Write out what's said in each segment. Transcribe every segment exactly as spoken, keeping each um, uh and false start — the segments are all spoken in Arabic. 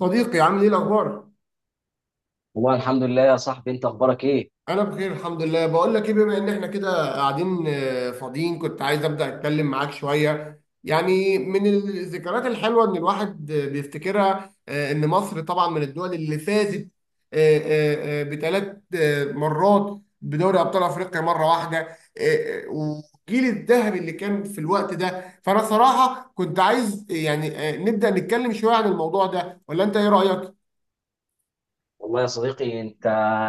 صديقي عامل ايه الاخبار؟ والله الحمد لله يا صاحبي، انت اخبارك ايه؟ انا بخير الحمد لله. بقول لك ايه، بما ان احنا كده قاعدين آه، فاضيين، كنت عايز ابدا اتكلم معاك شويه يعني من الذكريات الحلوه ان الواحد آه، بيفتكرها. آه، ان مصر طبعا من الدول اللي فازت بثلاث مرات بدوري ابطال افريقيا مره واحده، آه، آه، والجيل الذهبي اللي كان في الوقت ده. فانا صراحه كنت عايز آه، يعني آه، نبدا نتكلم شويه عن الموضوع ده، ولا انت ايه رايك؟ والله يا صديقي، انت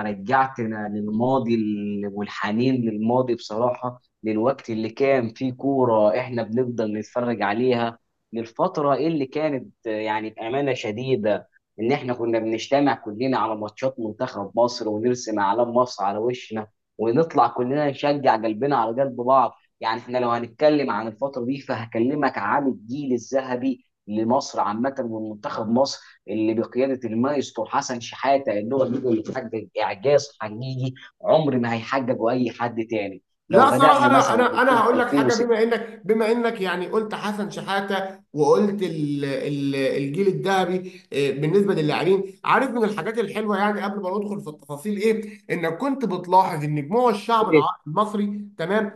رجعتنا للماضي ال- والحنين للماضي بصراحة، للوقت اللي كان فيه كورة احنا بنفضل نتفرج عليها. للفترة اللي كانت آه، يعني بأمانة شديدة ان احنا كنا بنجتمع كلنا على ماتشات منتخب مصر ونرسم اعلام مصر على وشنا، ونطلع كلنا نشجع قلبنا على قلب بعض. يعني احنا لو هنتكلم عن الفترة دي فهكلمك عن الجيل الذهبي لمصر عامة ومنتخب مصر اللي بقياده المايسترو حسن شحاته، ان هو النجم اللي حقق اعجاز حقيقي عمر ما هيحققه اي حد تاني. لو لا صراحة، بدانا أنا مثلا أنا أنا ببطوله هقول لك حاجة. ألفين وستة. بما إنك بما إنك يعني قلت حسن شحاتة وقلت ال ال الجيل الذهبي، آه، بالنسبة للاعبين، عارف من الحاجات الحلوة يعني قبل ما ندخل في التفاصيل إيه؟ إنك كنت بتلاحظ إن جموع الشعب الع- المصري، تمام؟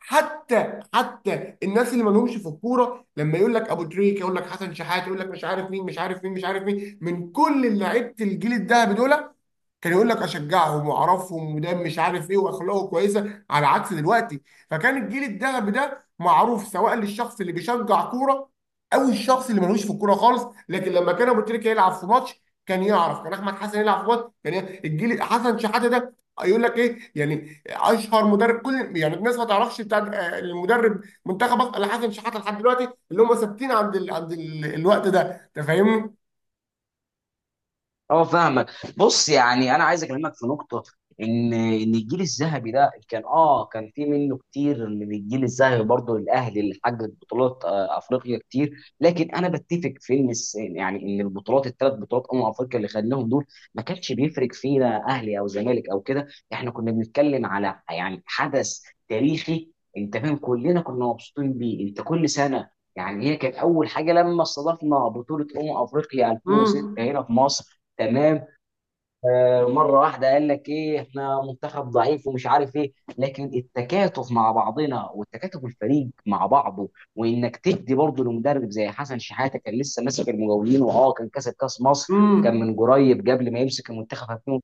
حتى حتى الناس اللي ما لهمش في الكورة لما يقول لك أبو تريكة، يقول لك حسن شحاتة، يقول لك مش عارف مين، مش عارف مين، مش عارف مين، من كل لعيبة الجيل الذهبي دول، كان يقول لك اشجعهم واعرفهم وده مش عارف ايه، واخلاقه كويسه على عكس دلوقتي. فكان الجيل الذهبي ده معروف سواء للشخص اللي بيشجع كوره او الشخص اللي ملوش في الكوره خالص. لكن لما كان ابو تريكه يلعب في ماتش كان يعرف، كان احمد حسن يلعب في ماتش كان ي- الجيل حسن شحاته ده، يقول لك ايه يعني اشهر مدرب. كل يعني الناس ما تعرفش بتاع آه، المدرب منتخب مصر الا حسن شحاته لحد دلوقتي، اللي هم ثابتين عند ال... عند ال... الوقت ده. انت فاهمني؟ اه، فاهمك. بص يعني انا عايز اكلمك في نقطه، ان ان الجيل الذهبي ده كان اه كان في منه كتير من الجيل الذهبي برضه الاهلي اللي حقق بطولات آه، افريقيا كتير. لكن انا بتفق في ان الس- يعني ان البطولات الثلاث بطولات امم افريقيا اللي خدناهم دول ما كانش بيفرق فينا اهلي او زمالك او كده. احنا كنا بنتكلم على يعني حدث تاريخي. انت فاهم، كلنا كنا مبسوطين بيه. انت كل سنه يعني هي كانت اول حاجه لما استضفنا بطوله امم افريقيا ألفين وستة امم، هنا في مصر. تمام. آه، مره واحده قال لك ايه احنا منتخب ضعيف ومش عارف ايه. لكن التكاتف مع بعضنا والتكاتف الفريق مع بعضه، وانك تدي برضه لمدرب زي حسن شحاته كان لسه ماسك المقاولين، واه كان كسب كاس مصر. امم. كان من قريب قبل ما يمسك المنتخب ألفين.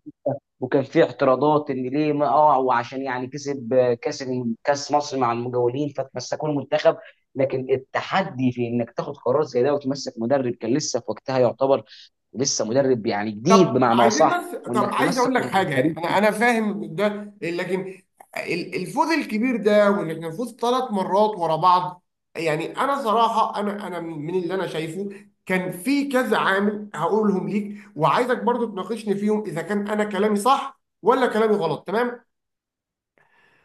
وكان في اعتراضات ان ليه ما اه، وعشان يعني كسب آه، كاس كاس مصر مع المقاولين فتمسكوا المنتخب. لكن التحدي في انك تاخد قرار زي ده وتمسك مدرب كان لسه في وقتها يعتبر، ولسه مدرب يعني جديد طب بمعنى عايزين اصح، بس، طب وانك عايز تمسك اقول لك حاجه، يعني الفريق. انا انا فاهم ده، لكن ال- الفوز الكبير ده وان احنا نفوز ثلاث مرات ورا بعض، يعني انا صراحه انا انا من اللي انا شايفه، كان في كذا عامل هقولهم ليك وعايزك برضو تناقشني فيهم اذا كان انا كلامي صح ولا كلامي غلط، تمام؟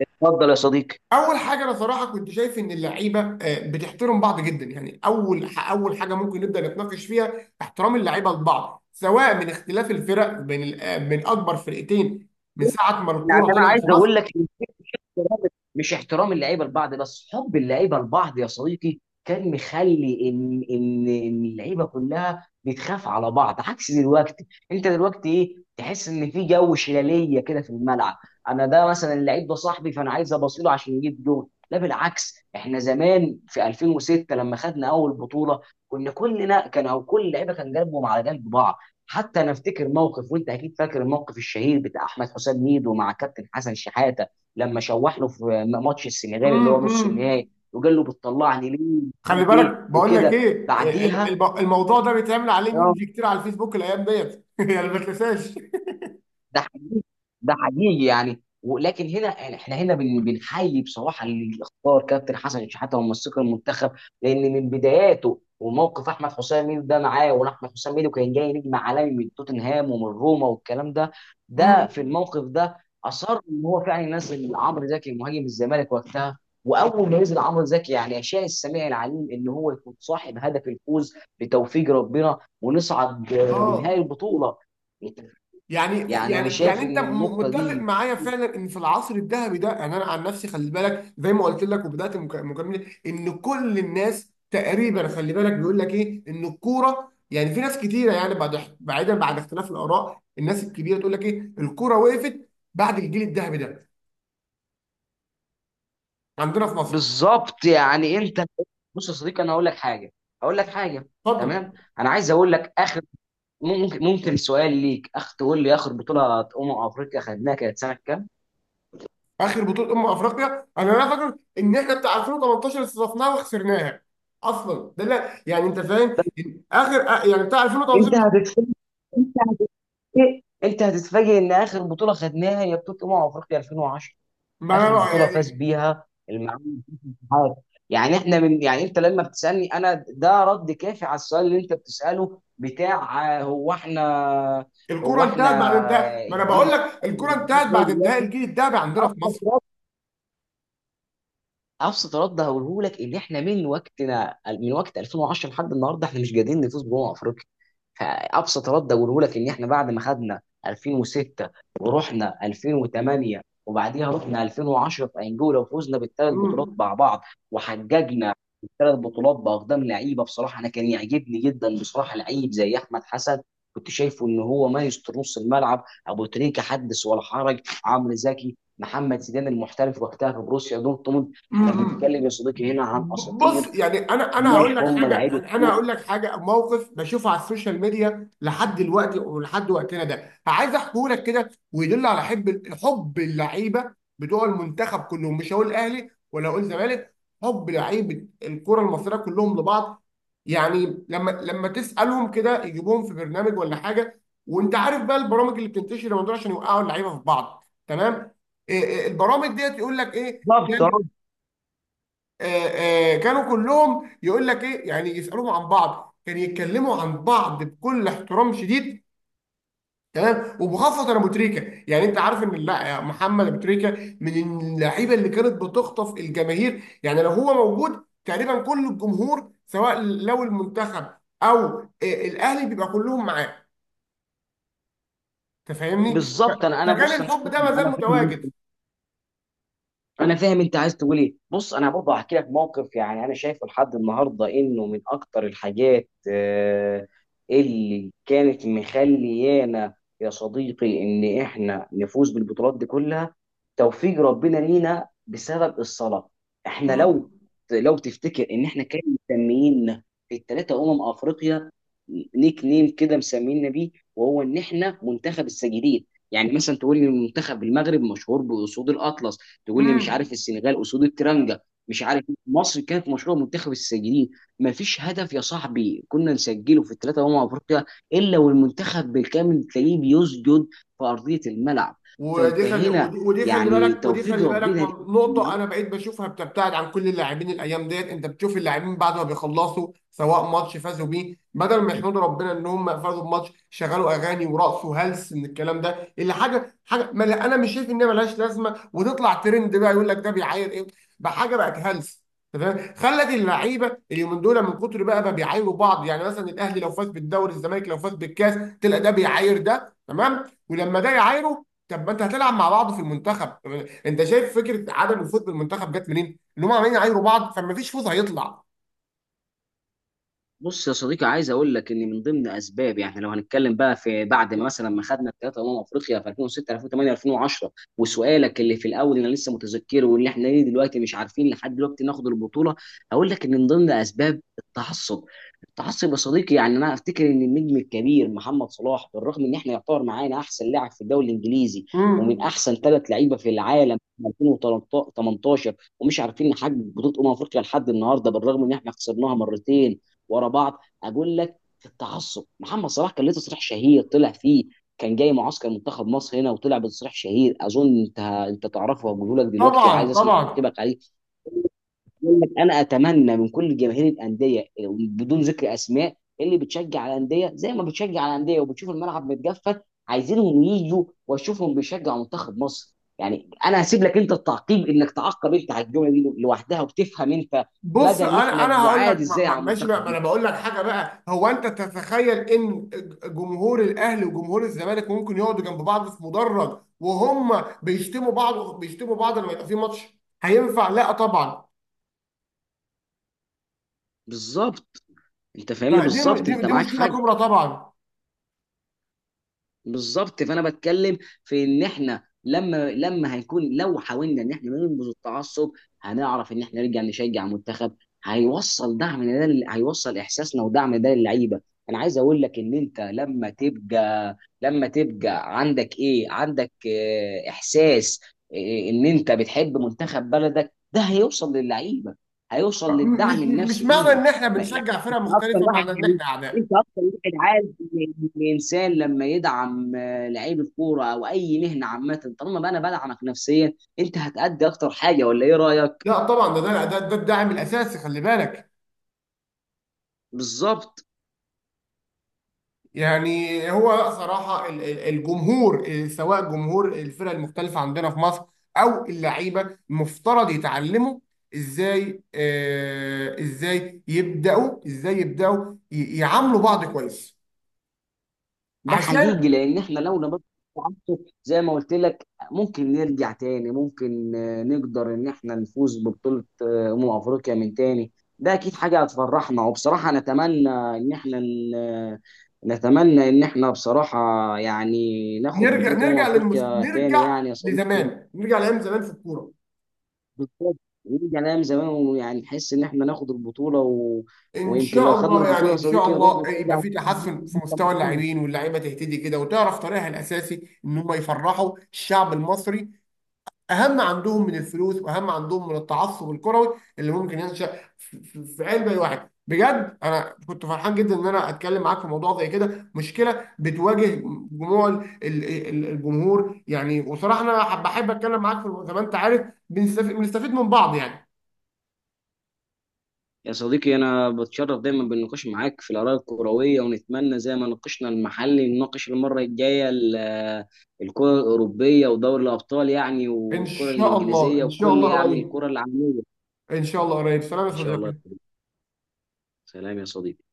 اتفضل يا صديقي. اول حاجه، انا صراحه كنت شايف ان اللعيبه آه، بتحترم بعض جدا. يعني اول ح- اول حاجه ممكن نبدا نتناقش فيها، احترام اللعيبه لبعض سواء من اختلاف الفرق بين ال- آه، من اكبر فرقتين من ساعه ما يعني الكوره انا طلعت عايز في مصر. اقول لك احترام- مش احترام اللعيبه لبعض بس، حب اللعيبه لبعض يا صديقي، كان مخلي ان ان ان اللعيبه كلها بتخاف على بعض عكس دلوقتي. انت دلوقتي ايه تحس ان في جو شلاليه كده في الملعب. انا ده مثلا اللعيب ده صاحبي فانا عايز ابصيله عشان يجيب جول. لا بالعكس، احنا زمان في ألفين وستة لما خدنا اول بطوله كنا كلنا كان او كل لعيبه كان قلبهم على قلب بعض. حتى انا افتكر موقف، وانت اكيد فاكر الموقف الشهير بتاع احمد حسام ميدو مع كابتن حسن شحاته لما شوح له في ماتش السنغال اللي هو نص امم. النهائي، وقال له بتطلعني ليه مش خلي عارف ايه بالك، بقول لك وكده ايه، آه، ال- بعديها. الب- الموضوع ده بيتعمل عليه اه، ميمز كتير على الفيسبوك الايام ديت يعني ما تنساش. ده حقيقي. ده حقيقي يعني، ولكن هنا احنا هنا بن- بنحيي بصراحه اللي اختار كابتن حسن شحاته ومسك المنتخب. لان من بداياته وموقف احمد حسام ميدو ده معاه، وان احمد حسام ميدو كان جاي نجم عالمي من توتنهام ومن روما والكلام ده. امم. ده في الموقف ده اصر ان هو فعلا ينزل عمرو زكي مهاجم الزمالك وقتها. واول ما نزل عمرو زكي يعني اشاء السميع العليم ان هو يكون صاحب هدف الفوز بتوفيق ربنا ونصعد آه، لنهائي اه. البطوله. يعني، يعني انا يعني يعني شايف انت ان م- النقطه متفق دي معايا فعلا ان في العصر الذهبي ده، يعني انا عن نفسي خلي بالك زي ما قلت لك وبدات مك- مكالمتي، ان كل الناس تقريبا خلي بالك بيقول لك ايه ان الكوره، يعني في ناس كتيره يعني بعد بعيدا بعد اختلاف الاراء، الناس الكبيره تقول لك ايه الكوره وقفت بعد الجيل الذهبي ده عندنا في مصر. بالظبط. يعني انت، بص يا صديقي، انا هقول لك حاجه، هقول لك حاجه. اتفضل. تمام. انا عايز اقول لك اخر، ممكن ممكن سؤال ليك اخ تقول لي اخر بطوله امم افريقيا خدناها كانت سنه كام؟ اخر بطوله امم افريقيا انا لا فاكر ان احنا بتاع ألفين وتمانتاشر استضفناها وخسرناها اصلا ده، لا يعني انت فاهم، اخر يعني بتاع انت ألفين وتمانتاشر. هتتفاجئ انت هتتفاجئ انت هتتفاجئ ان اخر بطوله خدناها هي بطوله امم افريقيا ألفين وعشرة. ما انا اخر بقى- بطوله يعني فاز بيها المعلم في الاتحاد. يعني احنا من، يعني انت لما بتسالني انا ده رد كافي على السؤال اللي انت بتساله بتاع آه، هو احنا. الكوره هو احنا انتهت بعد انتهاء، ما انا بقول الجيل لك الكوره انتهت الجديد زي بعد انتهاء دلوقتي. الجيل الذهبي عندنا في مصر. ابسط رد هقوله لك ان احنا من وقتنا من وقت ألفين وعشرة لحد النهارده احنا مش قادرين نفوز بأمم افريقيا. فابسط رد اقوله لك ان احنا بعد ما خدنا ألفين وستة ورحنا ألفين وتمانية وبعديها رحنا ألفين وعشرة في انجولا، وفوزنا بالثلاث بطولات امم، مع بعض وحججنا الثلاث بطولات باقدام لعيبه بصراحه. انا كان يعجبني جدا بصراحه لعيب زي احمد حسن، كنت شايفه ان هو مايسترو نص الملعب. ابو تريكه حدث ولا حرج. عمرو زكي، محمد زيدان المحترف وقتها في بروسيا دورتموند. احنا امم. بنتكلم يا صديقي هنا عن ب- بص اساطير، يعني انا انا هقول مش لك هم حاجه، لعيبه انا أنا كوره. هقول لك حاجه، موقف بشوفه على السوشيال ميديا لحد دلوقتي ولحد وقتنا ده، عايز احكيه لك كده ويدل على حب، حب اللعيبه بتوع المنتخب كلهم، مش هقول اهلي ولا هقول زمالك، حب لعيبه الكره المصريه كلهم لبعض. يعني لما لما تسالهم كده، يجيبوهم في برنامج ولا حاجه، وانت عارف بقى البرامج اللي بتنتشر لما دول عشان يوقعوا اللعيبه في بعض، تمام؟ إيه- إيه، البرامج ديت يقول لك ايه؟ بالظبط آه. آه، آه، كانوا كلهم يقول لك ايه، يعني يسالوهم عن بعض، كانوا يتكلموا عن بعض بكل احترام شديد، تمام. وبخاصه ابو تريكه، يعني انت عارف ان، لا، يا محمد ابو تريكه من اللعيبه اللي كانت بتخطف الجماهير، يعني لو هو موجود تقريبا كل الجمهور سواء لو المنتخب او آه، الاهلي بيبقى كلهم معاه، تفهمني؟ بالظبط. انا انا فكان بص انا الحب ده فاهم- ما زال انا فاهم. متواجد. انا فاهم انت عايز تقول ايه. بص انا برضه هحكي لك موقف، يعني انا شايفه لحد النهارده انه من اكتر الحاجات آه، اللي كانت مخليانا يا صديقي ان احنا نفوز بالبطولات دي كلها توفيق ربنا لينا بسبب الصلاه. احنا لو لو تفتكر ان احنا كان مسميين في الثلاثه امم افريقيا نيك نيم كده مسمينا بيه، وهو ان احنا منتخب الساجدين. يعني مثلا تقول ان منتخب المغرب مشهور باسود الاطلس، تقول لي مش عارف امم. السنغال اسود الترنجه مش عارف إيه. مصر كانت مشروع منتخب الساجدين. ما فيش هدف يا صاحبي كنا نسجله في الثلاثه امم افريقيا الا والمنتخب بالكامل تلاقيه بيسجد في ارضيه الملعب. فانت ودي خلي هنا ودي, ودي خلي يعني بالك ودي توفيق خلي بالك ربنا ليك. من- نقطة أنا بقيت بشوفها بتبتعد عن كل اللاعبين الأيام ديت، أنت بتشوف اللاعبين بعد ما بيخلصوا سواء ماتش فازوا بيه، بدل ما يحمدوا ربنا إن هم فازوا بماتش، شغلوا أغاني ورقصوا هلس من الكلام ده، اللي حاجة حاجة ما لا- أنا مش شايف إنها ملهاش لازمة، وتطلع ترند بقى يقول لك ده بيعاير إيه بحاجة بقت هلس، تمام؟ خلت اللعيبه اليومين دول من كتر بقى ما بيعايروا بعض. يعني مثلا الاهلي لو فاز بالدوري، الزمالك لو فاز بالكاس، تلاقي ده بيعاير ده، تمام؟ ولما ده يعايره، طب ما انت هتلعب مع بعض في المنتخب. انت شايف فكره عدم الفوز بالمنتخب جت منين؟ اللي هم عمالين يعايروا بعض، فما فيش فوز هيطلع. بص يا صديقي عايز اقول لك ان من ضمن اسباب، يعني لو هنتكلم بقى في بعد ما مثلا ما خدنا الثلاثه امم افريقيا في ألفين وستة، ألفين وتمانية، ألفين وعشرة وسؤالك اللي في الاول انا لسه متذكره، واللي احنا ليه دلوقتي مش عارفين لحد دلوقتي ناخد البطوله، هقول لك ان من ضمن اسباب التعصب. التعصب يا صديقي، يعني انا افتكر ان النجم الكبير محمد صلاح بالرغم ان احنا يعتبر معانا احسن لاعب في الدوري الانجليزي ومن امم. احسن ثلاث لعيبه في العالم في ألفين وتمنتاشر، ومش عارفين نحقق بطوله امم افريقيا لحد النهارده بالرغم ان احنا خسرناها مرتين ورا بعض. اقول لك، التعصب. محمد صلاح كان ليه تصريح شهير طلع فيه كان جاي معسكر منتخب مصر هنا، وطلع بتصريح شهير اظن انت انت تعرفه، وهقوله لك دلوقتي طبعا، وعايز اسمع طبعا. تعقيبك عليه. يقول لك انا اتمنى من كل جماهير الانديه بدون ذكر اسماء اللي بتشجع الانديه زي ما بتشجع الانديه وبتشوف الملعب متجفف، عايزينهم ييجوا واشوفهم بيشجعوا منتخب مصر. يعني انا هسيب لك انت التعقيب انك تعقب انت على الجمله دي لوحدها، وتفهم انت بص، مدى ان انا احنا انا هقول بعاد لك، ما- ازاي ما- على ماشي المنتخب. بقى، ما انا بقول لك حاجه بقى، هو انت تتخيل ان جمهور الاهلي وجمهور الزمالك ممكن يقعدوا جنب بعض في مدرج وهم بيشتموا بعض، بيشتموا بعض لما يبقى في ماتش، هينفع؟ لا طبعا. بالظبط. انت فاهمني فدي م- بالظبط. دي انت دي معاك مشكله حاج. كبرى طبعا. بالظبط. فانا بتكلم في ان احنا لما لما هيكون لو حاولنا ان احنا ننبذ التعصب هنعرف ان احنا نرجع نشجع منتخب. هيوصل دعمنا ده لل- هيوصل احساسنا ودعم ده للعيبه. انا عايز اقول لك ان انت لما تبقى لما تبقى عندك ايه، عندك اه، احساس، اه، ان انت بتحب منتخب بلدك ده هيوصل للعيبه، هيوصل م- مش للدعم مش النفسي معنى ليهم. ان احنا ما- يعني بنشجع فرق انت اكتر مختلفه واحد معنى ان يعني، احنا اعداء. انت اكتر واحد عارف الانسان لما يدعم آه، لعيب الكوره او اي مهنه عامه. طالما بقى انا بدعمك نفسيا انت هتأدي اكتر حاجه، ولا ايه رايك؟ لا طبعا، ده ده ده, ده الدعم الاساسي، خلي بالك. بالظبط. يعني هو، لا صراحه، ال- ال- الجمهور إيه، سواء جمهور الفرق المختلفه عندنا في مصر او اللعيبه، مفترض يتعلموا ازاي، آه ازاي يبداوا، ازاي يبداوا ي- يعاملوا بعض كويس، ده عشان حقيقي، لان احنا لو نبطل التعصب زي ما قلت لك ممكن نرجع تاني، ممكن آه، نقدر ان احنا نفوز ببطوله آه، امم افريقيا من تاني. ده اكيد حاجه هتفرحنا، وبصراحه نتمنى ان احنا ن- نتمنى ان احنا بصراحه يعني ناخد نرجع، بطوله امم نرجع للمس... افريقيا تاني نرجع يعني يا صديقي. لزمان، نرجع لايام زمان في الكوره. بالظبط. ونرجع لأيام زمان، ويعني نحس إن إحنا ناخد البطولة و... ان ويمكن لو شاء خدنا الله، البطولة يعني يا ان شاء صديقي نروح الله يبقى نشجع في تحسن في منتخب مستوى مصر. اللاعبين، واللعيبه تهتدي كده وتعرف طريقها الاساسي ان هم يفرحوا الشعب المصري، اهم عندهم من الفلوس واهم عندهم من التعصب الكروي اللي ممكن ينشا في في- في قلب اي واحد. بجد انا كنت فرحان جدا ان انا اتكلم معاك في موضوع زي كده، مشكله بتواجه جموع ال- ال- ال- الجمهور يعني. وصراحه انا حب- بحب اتكلم معاك، في زي ما انت عارف بنستف- بنستفيد من بعض يعني. يا صديقي، أنا بتشرف دايما بالنقاش معاك في الآراء الكروية، ونتمنى زي ما ناقشنا المحلي نناقش المرة الجاية ال- الكرة الأوروبية ودوري الأبطال، يعني ان والكرة شاء الله، الإنجليزية ان شاء وكل الله يعني قريب، الكرة العالمية. ان شاء الله قريب. سلام يا إن شاء الله يا صديقي. صديقي. سلام يا صديقي